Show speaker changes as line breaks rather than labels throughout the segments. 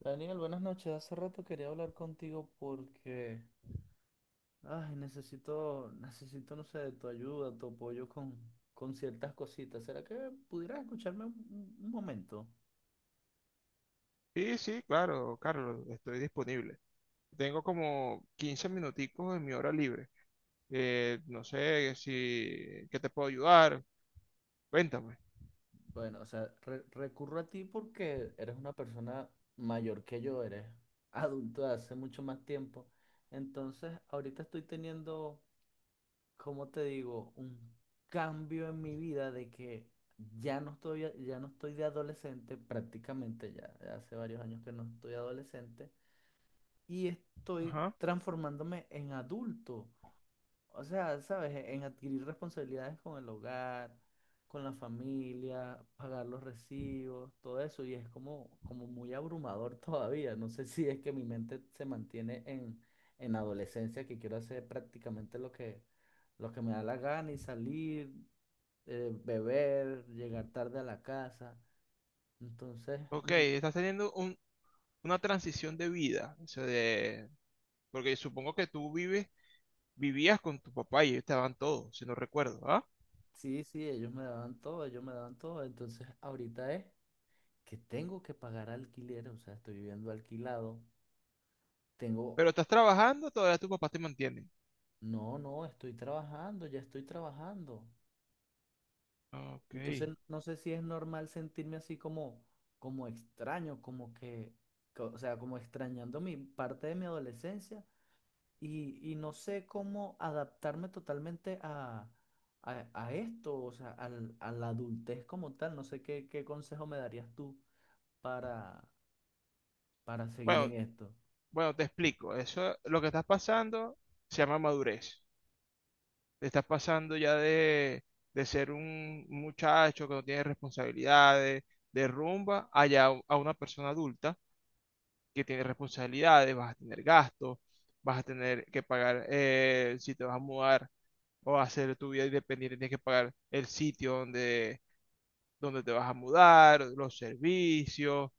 Daniel, buenas noches. Hace rato quería hablar contigo porque, ay, necesito, no sé, de tu ayuda, tu apoyo con ciertas cositas. ¿Será que pudieras escucharme un momento?
Sí, sí, claro, Carlos, estoy disponible. Tengo como 15 minuticos en mi hora libre. No sé si, ¿qué te puedo ayudar? Cuéntame.
Bueno, o sea, recurro a ti porque eres una persona mayor que yo, eres adulto de hace mucho más tiempo. Entonces, ahorita estoy teniendo, ¿cómo te digo? Un cambio en mi vida de que ya no ya no estoy de adolescente, prácticamente ya hace varios años que no estoy adolescente, y estoy
Ajá.
transformándome en adulto. O sea, ¿sabes? En adquirir responsabilidades con el hogar, con la familia, pagar los recibos, todo eso. Y es como muy abrumador todavía. No sé si es que mi mente se mantiene en adolescencia, que quiero hacer prácticamente lo lo que me da la gana y salir, beber, llegar tarde a la casa. Entonces,
Ok, estás teniendo una transición de vida, o sea, de, porque supongo que tú vives, vivías con tu papá y ellos te daban todo, si no recuerdo, ¿ah?
sí, sí, ellos me daban todo, ellos me daban todo. Entonces, ahorita es que tengo que pagar alquiler, o sea, estoy viviendo alquilado. Tengo,
Pero estás trabajando, todavía tu papá te mantiene.
no, no, estoy trabajando, ya estoy trabajando.
Ok.
Entonces, no sé si es normal sentirme así como, como extraño, como que, o sea, como extrañando mi parte de mi adolescencia y no sé cómo adaptarme totalmente a esto, o sea, a la adultez como tal. No sé qué consejo me darías tú para, para seguir
Bueno,
en esto.
bueno, te explico. Eso, lo que estás pasando se llama madurez. Te estás pasando ya de ser un muchacho que no tiene responsabilidades de rumba a ya a una persona adulta que tiene responsabilidades, vas a tener gastos, vas a tener que pagar si te vas a mudar o a hacer tu vida independiente, tienes que pagar el sitio donde te vas a mudar, los servicios,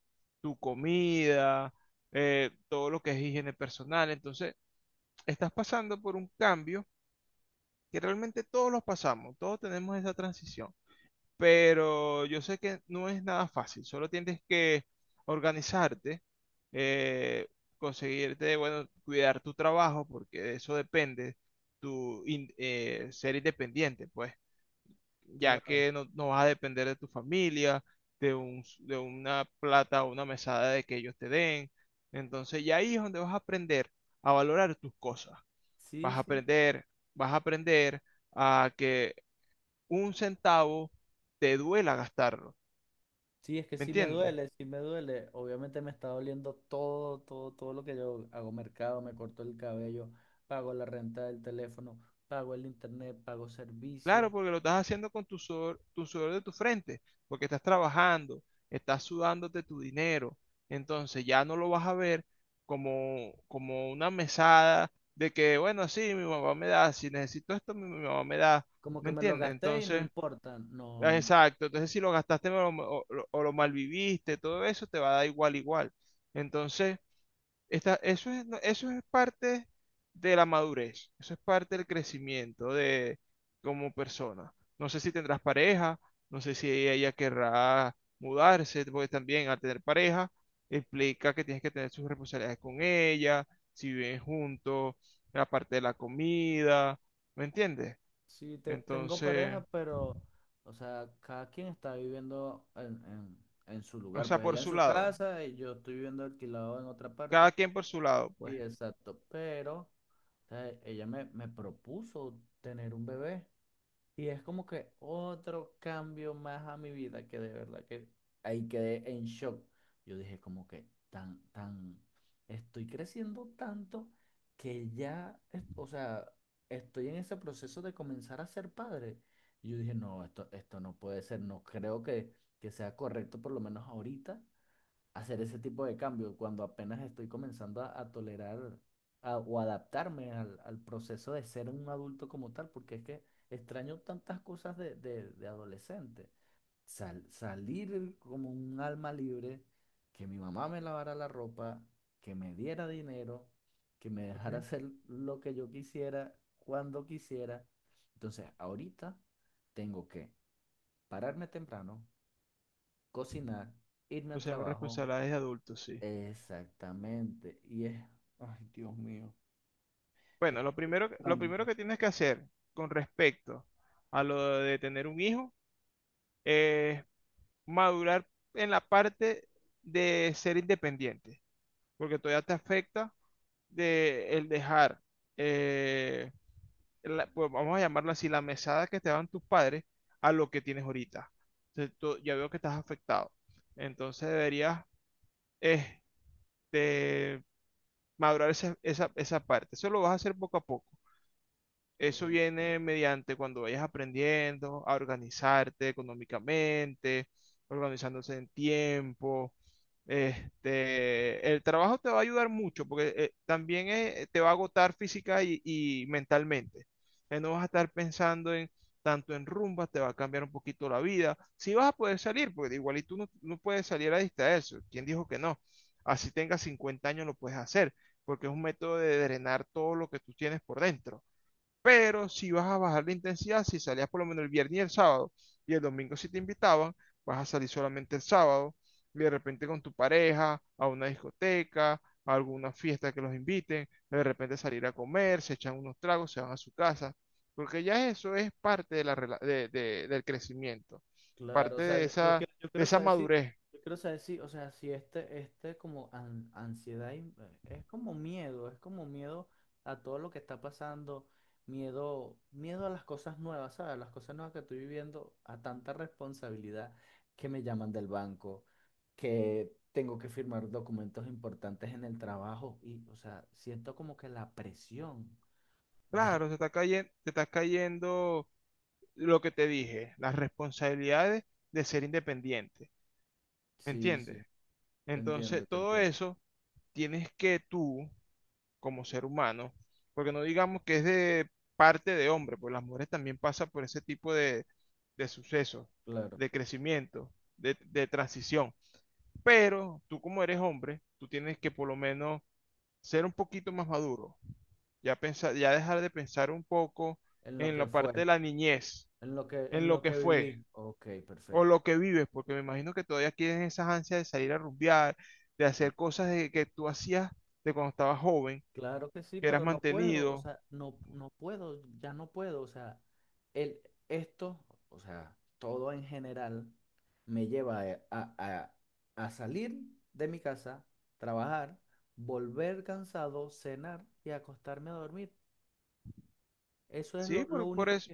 tu comida, todo lo que es higiene personal. Entonces, estás pasando por un cambio que realmente todos los pasamos, todos tenemos esa transición, pero yo sé que no es nada fácil, solo tienes que organizarte, eh, conseguirte, bueno, cuidar tu trabajo, porque de eso depende, ser independiente, pues, ya
Claro.
que no vas a depender de tu familia, de de una plata o una mesada de que ellos te den, entonces ya ahí es donde vas a aprender a valorar tus cosas.
Sí,
Vas a
sí.
aprender, vas a aprender a que un centavo te duela gastarlo.
Sí, es que
¿Me
sí me
entiendes?
duele, sí me duele. Obviamente me está doliendo todo lo que yo hago mercado, me corto el cabello, pago la renta del teléfono, pago el internet, pago servicios.
Claro, porque lo estás haciendo con tu sudor de tu frente, porque estás trabajando, estás sudándote tu dinero. Entonces ya no lo vas a ver como, como una mesada de que, bueno, sí, mi mamá me da, si necesito esto, mi mamá me da.
Como
¿Me
que me lo
entiendes?
gasté y no
Entonces,
importa. No,
ah,
no.
exacto. Entonces, si lo gastaste o lo malviviste, todo eso te va a dar igual. Entonces, Está, eso es, no, eso es parte de la madurez, eso es parte del crecimiento de como persona. No sé si tendrás pareja, no sé si ella querrá mudarse, porque también al tener pareja implica que tienes que tener sus responsabilidades con ella, si viven juntos, la parte de la comida, ¿me entiendes?
Sí, tengo
Entonces,
pareja, pero, o sea, cada quien está viviendo en su
o
lugar.
sea,
Pues
por
ella en
su
su
lado,
casa y yo estoy viviendo alquilado en otra parte.
cada quien por su lado, pues.
Sí, exacto. Pero, o sea, ella me propuso tener un bebé. Y es como que otro cambio más a mi vida, que de verdad que ahí quedé en shock. Yo dije como que estoy creciendo tanto que ya, o sea, estoy en ese proceso de comenzar a ser padre. Y yo dije, no, esto no puede ser, no creo que sea correcto, por lo menos ahorita, hacer ese tipo de cambios cuando apenas estoy comenzando a tolerar o adaptarme al proceso de ser un adulto como tal, porque es que extraño tantas cosas de adolescente. Salir como un alma libre, que mi mamá me lavara la ropa, que me diera dinero, que me
¿Ok?
dejara hacer lo que yo quisiera, cuando quisiera. Entonces, ahorita tengo que pararme temprano, cocinar, irme
O
al
sea, más
trabajo.
responsabilidades de adultos, sí.
Exactamente. Y es, ay, Dios mío, es
Bueno, lo primero, lo
tanto.
primero que tienes que hacer con respecto a lo de tener un hijo es madurar en la parte de ser independiente, porque todavía te afecta de el dejar, eh, pues vamos a llamarlo así, la mesada que te daban tus padres a lo que tienes ahorita. Entonces, ya veo que estás afectado. Entonces deberías este, madurar esa parte. Eso lo vas a hacer poco a poco. Eso
Ok,
viene mediante cuando vayas aprendiendo a organizarte económicamente, organizándose en tiempo. Este, el trabajo te va a ayudar mucho porque también te va a agotar física y mentalmente. No vas a estar pensando en tanto en rumbas, te va a cambiar un poquito la vida. Si vas a poder salir, porque igual y tú no puedes salir a distraerse. ¿Quién dijo que no? Así tengas 50 años lo puedes hacer, porque es un método de drenar todo lo que tú tienes por dentro. Pero si vas a bajar la intensidad, si salías por lo menos el viernes y el sábado, y el domingo si te invitaban, vas a salir solamente el sábado, y de repente con tu pareja, a una discoteca, a alguna fiesta que los inviten, de repente salir a comer, se echan unos tragos, se van a su casa, porque ya eso es parte de la del crecimiento,
claro, o
parte
sea, yo
de
quiero
esa
saber si,
madurez.
yo quiero saber si, o sea, si este como ansiedad es como miedo a todo lo que está pasando, miedo a las cosas nuevas, ¿sabes? Las cosas nuevas que estoy viviendo, a tanta responsabilidad, que me llaman del banco, que tengo que firmar documentos importantes en el trabajo y, o sea, siento como que la presión. De-
Claro, te está cayendo lo que te dije, las responsabilidades de ser independiente, ¿me
Sí,
entiendes?
sí, te
Entonces,
entiendo, te
todo
entiendo.
eso tienes que tú, como ser humano, porque no digamos que es de parte de hombre, pues las mujeres también pasan por ese tipo de sucesos,
Claro,
de crecimiento, de transición. Pero tú como eres hombre, tú tienes que por lo menos ser un poquito más maduro, ya pensar, ya dejar de pensar un poco
en lo
en la
que fue,
parte de la niñez,
en lo
en
en
lo
lo
que
que
fue
viví. Ok,
o
perfecto.
lo que vives, porque me imagino que todavía tienes esas ansias de salir a rumbear, de
Mm.
hacer cosas de que tú hacías de cuando estabas joven,
Claro que sí,
que eras
pero no puedo, o
mantenido,
sea, no, no puedo, ya no puedo, o sea, el, esto, o sea, todo en general me lleva a- a- a salir de mi casa, trabajar, volver cansado, cenar y acostarme a dormir. Eso es
¿sí?
lo
Por
único.
eso,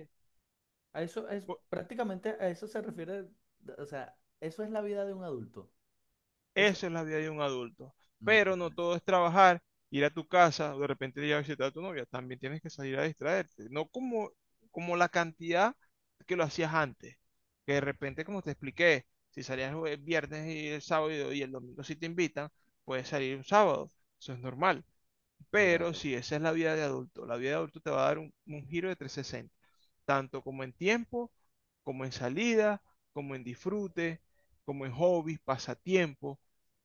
A eso es
por-
prácticamente a eso se refiere, o sea, eso es la vida de un adulto. Es,
eso es la vida de un adulto.
no
Pero no
puedes.
todo es trabajar, ir a tu casa, o de repente ir a visitar a tu novia, también tienes que salir a distraerte, no como, como la cantidad que lo hacías antes, que de repente, como te expliqué, si salías el viernes y el sábado y el domingo si te invitan, puedes salir un sábado, eso es normal. Pero
Claro,
si esa es la vida de adulto, la vida de adulto te va a dar un giro de 360, tanto como en tiempo, como en salida, como en disfrute, como en hobbies, pasatiempo,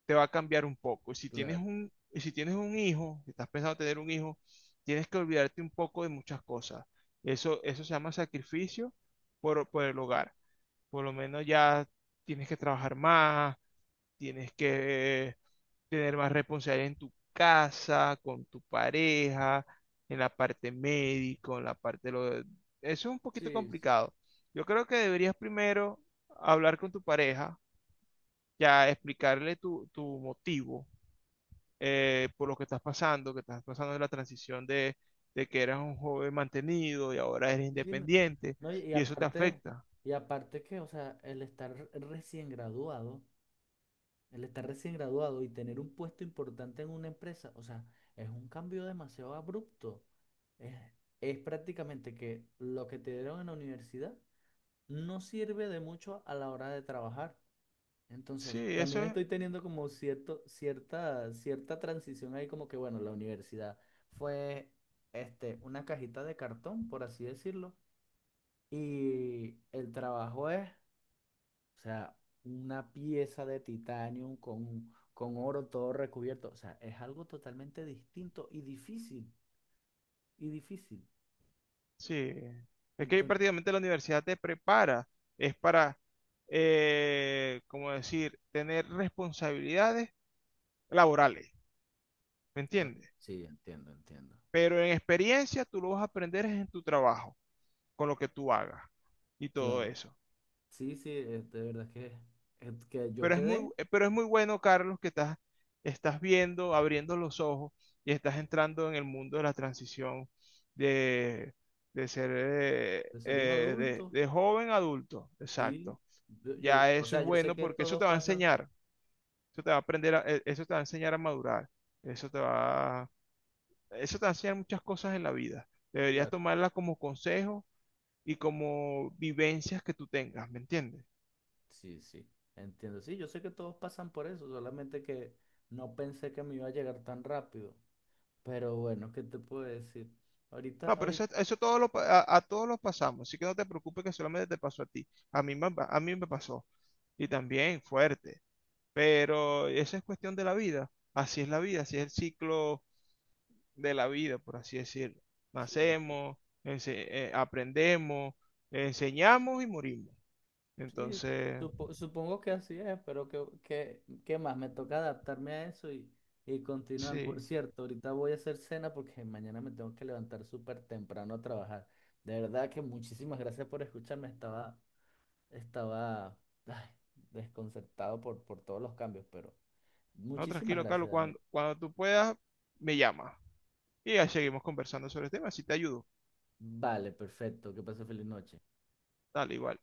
te va a cambiar un poco.
claro.
Y si tienes un hijo, si estás pensando tener un hijo, tienes que olvidarte un poco de muchas cosas. Eso se llama sacrificio por el hogar. Por lo menos ya tienes que trabajar más, tienes que tener más responsabilidad en tu casa, con tu pareja, en la parte médico, en la parte de eso es un poquito
Sí, sí,
complicado. Yo creo que deberías primero hablar con tu pareja, ya explicarle tu motivo por lo que estás pasando en la transición de que eras un joven mantenido y ahora eres
sí, no,
independiente
no,
y eso te afecta.
y aparte que, o sea, el estar recién graduado, el estar recién graduado y tener un puesto importante en una empresa, o sea, es un cambio demasiado abrupto. Es, es prácticamente que lo que te dieron en la universidad no sirve de mucho a la hora de trabajar.
Sí,
Entonces, también
eso
estoy teniendo como cierta transición ahí, como que bueno, la universidad fue este, una cajita de cartón, por así decirlo, y el trabajo es, o sea, una pieza de titanio con oro todo recubierto, o sea, es algo totalmente distinto y difícil.
Sí, es que
Entonces,
prácticamente la universidad te prepara, es para, como decir, tener responsabilidades laborales, ¿me
oh,
entiendes?
sí, entiendo, entiendo.
Pero en experiencia tú lo vas a aprender es en tu trabajo, con lo que tú hagas y todo
Claro,
eso.
sí, sí, de verdad que, es que yo quedé
Pero es muy bueno, Carlos, que estás, estás viendo, abriendo los ojos y estás entrando en el mundo de la transición de, de ser
de ser un
de
adulto.
joven a adulto,
Sí,
exacto. Ya
o
eso es
sea, yo sé
bueno
que
porque eso
todos
te va a
pasan,
enseñar, eso te va a aprender, eso te va a enseñar a madurar, eso te va, eso te va a enseñar muchas cosas en la vida. Deberías
claro,
tomarla como consejo y como vivencias que tú tengas, ¿me entiendes?
sí, sí, entiendo, sí, yo sé que todos pasan por eso, solamente que no pensé que me iba a llegar tan rápido, pero bueno, ¿qué te puedo decir? Ahorita,
No, pero
ahorita,
eso todo lo, a todos los pasamos, así que no te preocupes que solamente te pasó a ti. A mí me pasó y también fuerte, pero esa es cuestión de la vida. Así es la vida, así es el ciclo de la vida, por así decirlo.
sí, sí,
Nacemos, aprendemos, enseñamos y morimos.
sí,
Entonces,
supongo que así es, pero ¿qué, qué más? Me toca adaptarme a eso y continuar. Por
sí.
cierto, ahorita voy a hacer cena porque mañana me tengo que levantar súper temprano a trabajar. De verdad que muchísimas gracias por escucharme, estaba. Estaba, ay, desconcertado por todos los cambios, pero
No,
muchísimas
tranquilo,
gracias,
Carlos,
Daniel.
cuando tú puedas, me llamas. Y ya seguimos conversando sobre el tema, si te ayudo.
Vale, perfecto. Que pase feliz noche.
Dale, igual.